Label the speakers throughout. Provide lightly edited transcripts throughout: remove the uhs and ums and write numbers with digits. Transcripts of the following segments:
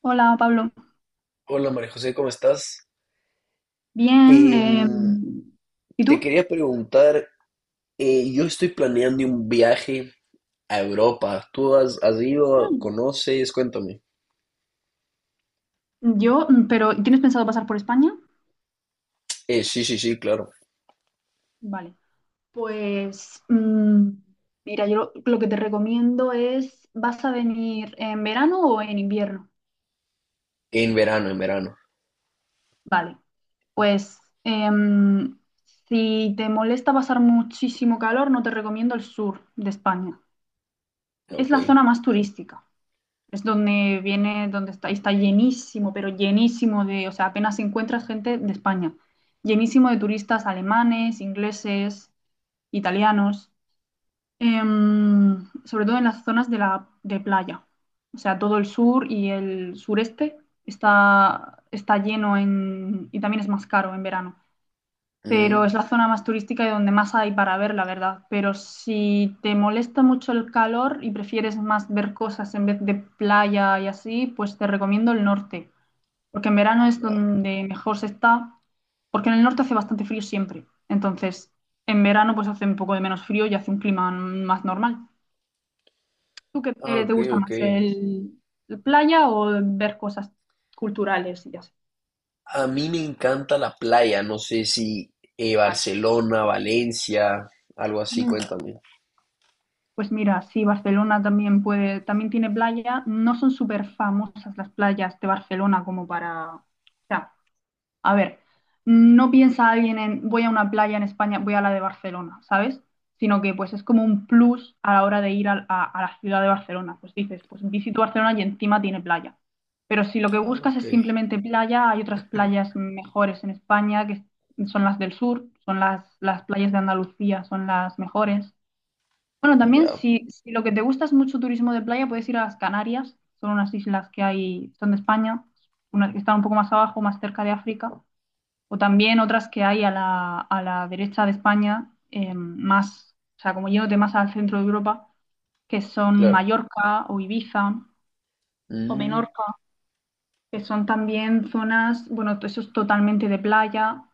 Speaker 1: Hola Pablo,
Speaker 2: Hola María José, ¿cómo estás?
Speaker 1: bien.
Speaker 2: Em,
Speaker 1: ¿Y
Speaker 2: Te
Speaker 1: tú?
Speaker 2: quería preguntar, yo estoy planeando un viaje a Europa. ¿Tú has ido?
Speaker 1: Mm.
Speaker 2: ¿Conoces? Cuéntame.
Speaker 1: Yo, pero ¿tienes pensado pasar por España?
Speaker 2: Sí, sí, sí, claro.
Speaker 1: Vale. Pues mira, yo lo que te recomiendo es, ¿vas a venir en verano o en invierno?
Speaker 2: En verano, en verano.
Speaker 1: Vale. Pues si te molesta pasar muchísimo calor, no te recomiendo el sur de España. Es
Speaker 2: Ok.
Speaker 1: la zona más turística. Es donde viene, donde está, y está llenísimo, pero llenísimo de, o sea, apenas encuentras gente de España, llenísimo de turistas alemanes, ingleses, italianos, sobre todo en las zonas de la de playa. O sea, todo el sur y el sureste está lleno en, y también es más caro en verano, pero
Speaker 2: Mm,
Speaker 1: es la zona más turística y donde más hay para ver, la verdad. Pero si te molesta mucho el calor y prefieres más ver cosas en vez de playa y así, pues te recomiendo el norte, porque en verano es
Speaker 2: vale.
Speaker 1: donde mejor se está, porque en el norte hace bastante frío siempre. Entonces, en verano pues hace un poco de menos frío y hace un clima más normal. ¿Tú qué
Speaker 2: Ah,
Speaker 1: te
Speaker 2: ok,
Speaker 1: gusta
Speaker 2: ok.
Speaker 1: más, el playa o ver cosas culturales y así?
Speaker 2: A mí me encanta la playa. No sé si
Speaker 1: Vale.
Speaker 2: Barcelona, Valencia, algo así,
Speaker 1: Mm.
Speaker 2: cuéntame.
Speaker 1: Pues mira, sí, Barcelona también puede, también tiene playa. No son súper famosas las playas de Barcelona como para. O sea, a ver, no piensa alguien en voy a una playa en España, voy a la de Barcelona, ¿sabes? Sino que pues es como un plus a la hora de ir a la ciudad de Barcelona. Pues dices, pues visito Barcelona y encima tiene playa. Pero si lo que
Speaker 2: Ah,
Speaker 1: buscas
Speaker 2: ok.
Speaker 1: es simplemente playa, hay otras playas mejores en España que son las del sur, son las playas de Andalucía, son las mejores. Bueno, también
Speaker 2: Ya,
Speaker 1: si lo que te gusta es mucho turismo de playa, puedes ir a las Canarias. Son unas islas que hay, son de España, unas que están un poco más abajo, más cerca de África. O también otras que hay a la derecha de España, más, o sea, como yéndote más al centro de Europa, que son
Speaker 2: claro.
Speaker 1: Mallorca o Ibiza o
Speaker 2: Mm,
Speaker 1: Menorca, que son también zonas, bueno, eso es totalmente de playa.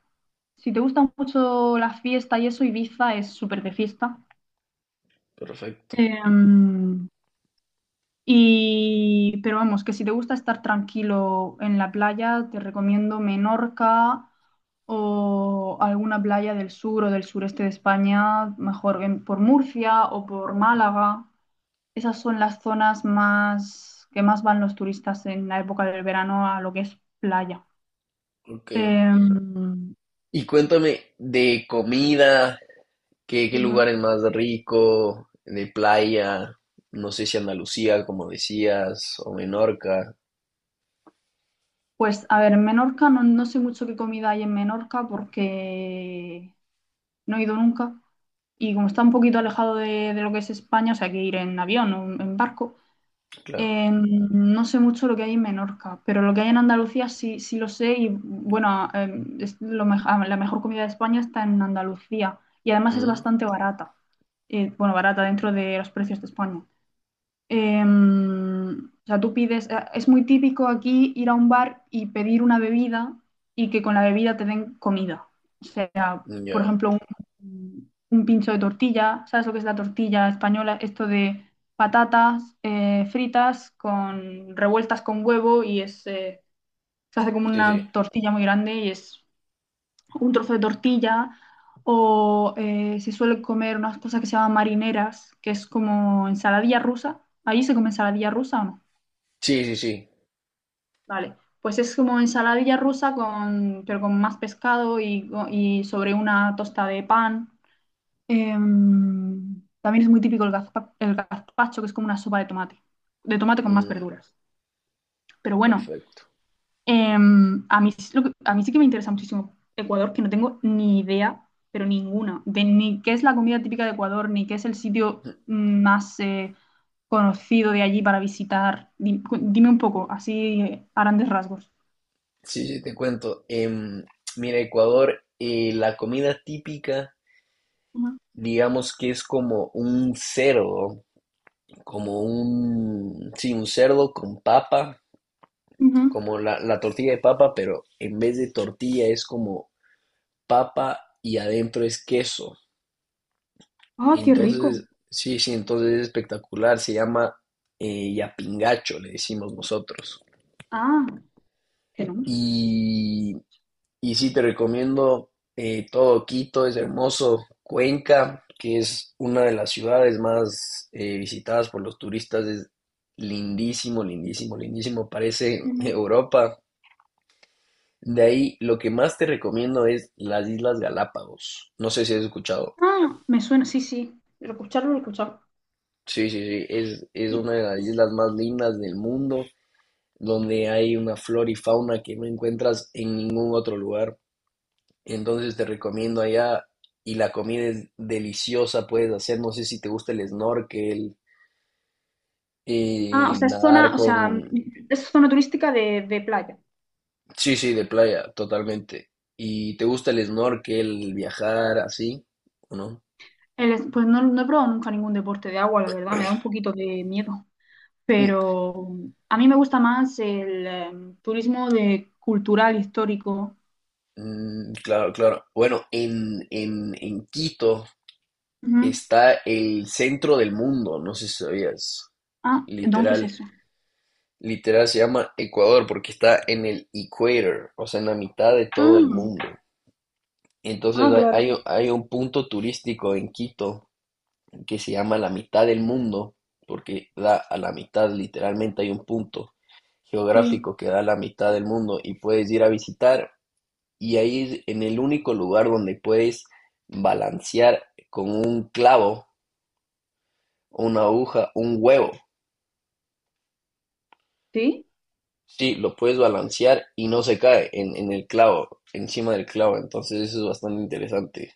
Speaker 1: Si te gusta mucho la fiesta y eso, Ibiza es súper de fiesta.
Speaker 2: perfecto.
Speaker 1: Eh, Y, pero vamos, que si te gusta estar tranquilo en la playa, te recomiendo Menorca o alguna playa del sur o del sureste de España, mejor por Murcia o por Málaga. Esas son las zonas más que más van los turistas en la época del verano a lo que es playa.
Speaker 2: Ok.
Speaker 1: Em,
Speaker 2: Y cuéntame de comida. ¿Qué
Speaker 1: ujú.
Speaker 2: lugar es más rico de playa? No sé si Andalucía, como decías, o Menorca,
Speaker 1: Pues a ver, en Menorca no sé mucho qué comida hay en Menorca porque no he ido nunca. Y como está un poquito alejado de lo que es España, o sea, hay que ir en avión o en barco.
Speaker 2: claro.
Speaker 1: No sé mucho lo que hay en Menorca, pero lo que hay en Andalucía sí, sí lo sé y bueno, es la mejor comida de España está en Andalucía y además es
Speaker 2: Mm,
Speaker 1: bastante barata. Bueno, barata dentro de los precios de España. O sea, tú pides, es muy típico aquí ir a un bar y pedir una bebida y que con la bebida te den comida. Por
Speaker 2: ya,
Speaker 1: ejemplo, un pincho de tortilla. ¿Sabes lo que es la tortilla española? Esto de patatas fritas con revueltas con huevo y es, se hace como
Speaker 2: sí, sí.
Speaker 1: una tortilla muy grande y es un trozo de tortilla. O se suele comer unas cosas que se llaman marineras, que es como ensaladilla rusa. ¿Ahí se come ensaladilla rusa o no?
Speaker 2: Sí, sí, sí.
Speaker 1: Vale, pues es como ensaladilla rusa con, pero con más pescado y sobre una tosta de pan. También es muy típico el gazpacho, que es como una sopa de tomate con más
Speaker 2: Mm,
Speaker 1: verduras. Pero bueno,
Speaker 2: perfecto.
Speaker 1: a mí, a mí sí que me interesa muchísimo Ecuador, que no tengo ni idea, pero ninguna, de ni qué es la comida típica de Ecuador, ni qué es el sitio
Speaker 2: Mm,
Speaker 1: más conocido de allí para visitar. Dime, un poco, así a grandes rasgos.
Speaker 2: sí, sí, te cuento. Mira, Ecuador, la comida típica,
Speaker 1: Ujú.
Speaker 2: digamos que es como un cerdo, como un, sí, un cerdo con papa,
Speaker 1: Ujú.
Speaker 2: como la tortilla de papa, pero en vez de tortilla es como papa y adentro es queso.
Speaker 1: Ah, qué rico.
Speaker 2: Entonces, sí, sí, entonces es espectacular. Se llama yapingacho, le decimos nosotros.
Speaker 1: Ah, tenemos.
Speaker 2: Y, y sí, te recomiendo todo Quito, es hermoso. Cuenca, que es una de las ciudades más visitadas por los turistas, es lindísimo, lindísimo, lindísimo. Parece
Speaker 1: Ujú.
Speaker 2: Europa. De ahí, lo que más te recomiendo es las Islas Galápagos. No sé si has escuchado.
Speaker 1: Ah, me suena, sí, sí. Lo he escuchado, lo he escuchado.
Speaker 2: Sí, sí, sí, es una de las islas más lindas del mundo. Donde hay una flora y fauna que no encuentras en ningún otro lugar. Entonces te recomiendo allá y la comida es deliciosa, puedes hacer, no sé si te gusta el snorkel
Speaker 1: Ah, o
Speaker 2: y
Speaker 1: sea, es
Speaker 2: nadar
Speaker 1: zona, o sea,
Speaker 2: con...
Speaker 1: es zona turística de playa.
Speaker 2: Sí, sí, de playa, totalmente. ¿Y te gusta el snorkel, viajar así o no?
Speaker 1: El pues no he probado nunca ningún deporte de agua, la verdad, me da un poquito de miedo.
Speaker 2: Mm,
Speaker 1: Pero a mí me gusta más el turismo de cultural, histórico.
Speaker 2: mm, claro, claro. Bueno, en, en Quito
Speaker 1: Ujú.
Speaker 2: está el centro del mundo, no sé si sabías,
Speaker 1: Ah, ¿dónde qué es
Speaker 2: literal.
Speaker 1: eso?
Speaker 2: Literal se llama Ecuador porque está en el equator, o sea, en la mitad de todo el
Speaker 1: Ah,
Speaker 2: mundo. Entonces
Speaker 1: ah,
Speaker 2: hay,
Speaker 1: claro,
Speaker 2: hay un- hay un punto turístico en Quito que se llama la mitad del mundo, porque da a la mitad, literalmente hay un punto
Speaker 1: sí.
Speaker 2: geográfico que da a la mitad del mundo y puedes ir a visitar y ahí es en el único lugar donde puedes balancear con un clavo, una aguja, un huevo.
Speaker 1: Sí,
Speaker 2: Sí, lo puedes balancear y no se cae en el clavo, encima del clavo. Entonces eso es bastante interesante.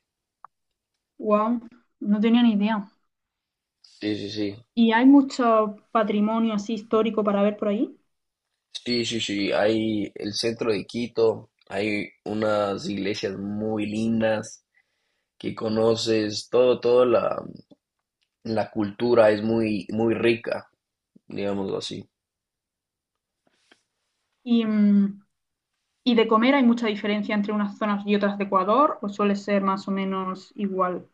Speaker 1: wow, no tenía ni idea.
Speaker 2: Sí, sí, sí.
Speaker 1: ¿Y hay mucho patrimonio así histórico para ver por ahí?
Speaker 2: Sí, sí, sí. Hay el centro de Quito, hay unas iglesias muy lindas que conoces, todo, toda la cultura es muy, muy rica, digámoslo así.
Speaker 1: Y, mm, ¿Y de comer hay mucha diferencia entre unas zonas y otras de Ecuador? ¿O suele ser más o menos igual?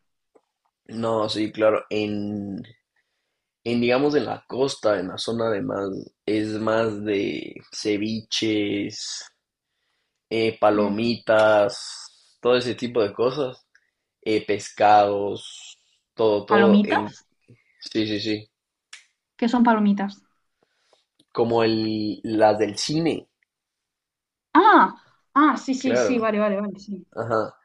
Speaker 2: No, sí, claro. En, digamos, en la costa, en la zona de más, es más de ceviches,
Speaker 1: Mm.
Speaker 2: palomitas, todo ese tipo de cosas, pescados, todo, todo
Speaker 1: ¿Palomitas?
Speaker 2: en... Sí, sí, sí,
Speaker 1: ¿Qué son palomitas?
Speaker 2: como el, las del cine,
Speaker 1: Ah, ah, sí, sí, sí,
Speaker 2: claro,
Speaker 1: vale, vale, vale, sí.
Speaker 2: ajá.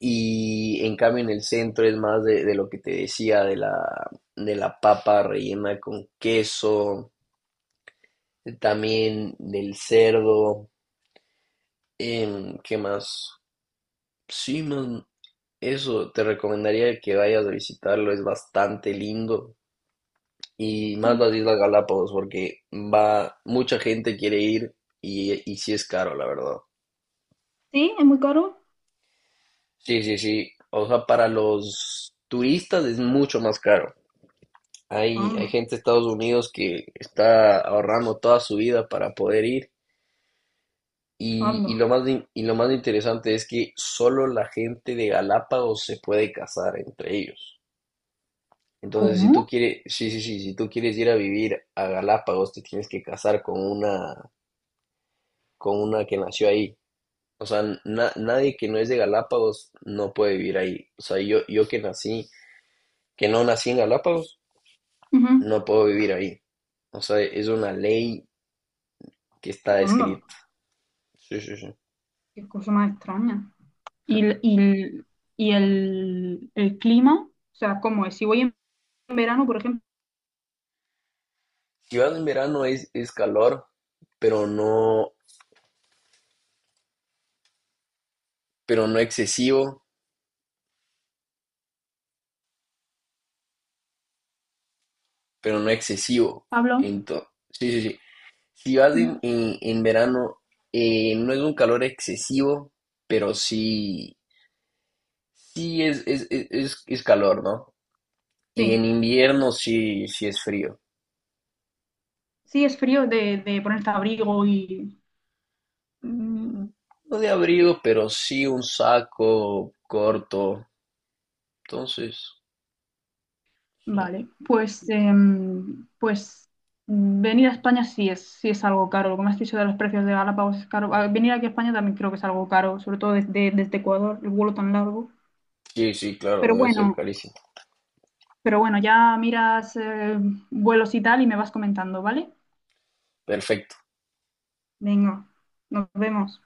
Speaker 2: Y en cambio en el centro es más de lo que te decía, de la papa rellena con queso, también del cerdo, ¿qué más? Sí, man, eso, te recomendaría que vayas a visitarlo, es bastante lindo. Y más
Speaker 1: Mm.
Speaker 2: las Islas Galápagos, porque va, mucha gente quiere ir y sí es caro, la verdad.
Speaker 1: ¿Sí? ¿Es muy caro?
Speaker 2: Sí, sí, sí. O sea, para los turistas es mucho más caro. Hay
Speaker 1: Anda,
Speaker 2: gente de Estados Unidos que está ahorrando toda su vida para poder ir. Y, y
Speaker 1: anda.
Speaker 2: lo más, in- y lo más interesante es que solo la gente de Galápagos se puede casar entre ellos. Entonces, si tú
Speaker 1: ¿Cómo?
Speaker 2: quieres, sí, sí, sí, si tú quieres ir a vivir a Galápagos, te tienes que casar con una que nació ahí. O sea, nadie que no es de Galápagos no puede vivir ahí. O sea, yo que nací, que no nací en Galápagos,
Speaker 1: Ujú.
Speaker 2: no puedo vivir ahí. O sea, es una ley que está
Speaker 1: Anda,
Speaker 2: escrita. Sí, sí, sí.
Speaker 1: qué cosa más extraña. ¿Y, el clima? O sea, ¿cómo es? Si voy en verano, por ejemplo,
Speaker 2: Si vas en verano es calor, pero no, pero no excesivo, pero no excesivo.
Speaker 1: Pablo,
Speaker 2: Entonces, sí, sí, sí. Si vas
Speaker 1: ujú,
Speaker 2: en, en verano, no es un calor excesivo, pero sí, sí es calor, ¿no? Y en
Speaker 1: sí,
Speaker 2: invierno sí, sí es frío.
Speaker 1: sí es frío de ponerte abrigo y.
Speaker 2: Mm, No de abrigo, pero sí un saco corto. Entonces, sí,
Speaker 1: Vale, pues, pues venir a España sí es algo caro. Lo que me has dicho de los precios de Galápagos es caro. Venir aquí a España también creo que es algo caro, sobre todo desde Ecuador, el vuelo tan largo.
Speaker 2: sí, sí, claro,
Speaker 1: Pero
Speaker 2: debe ser
Speaker 1: bueno,
Speaker 2: carísimo.
Speaker 1: ya miras vuelos y tal y me vas comentando, ¿vale?
Speaker 2: Perfecto
Speaker 1: Venga, nos vemos.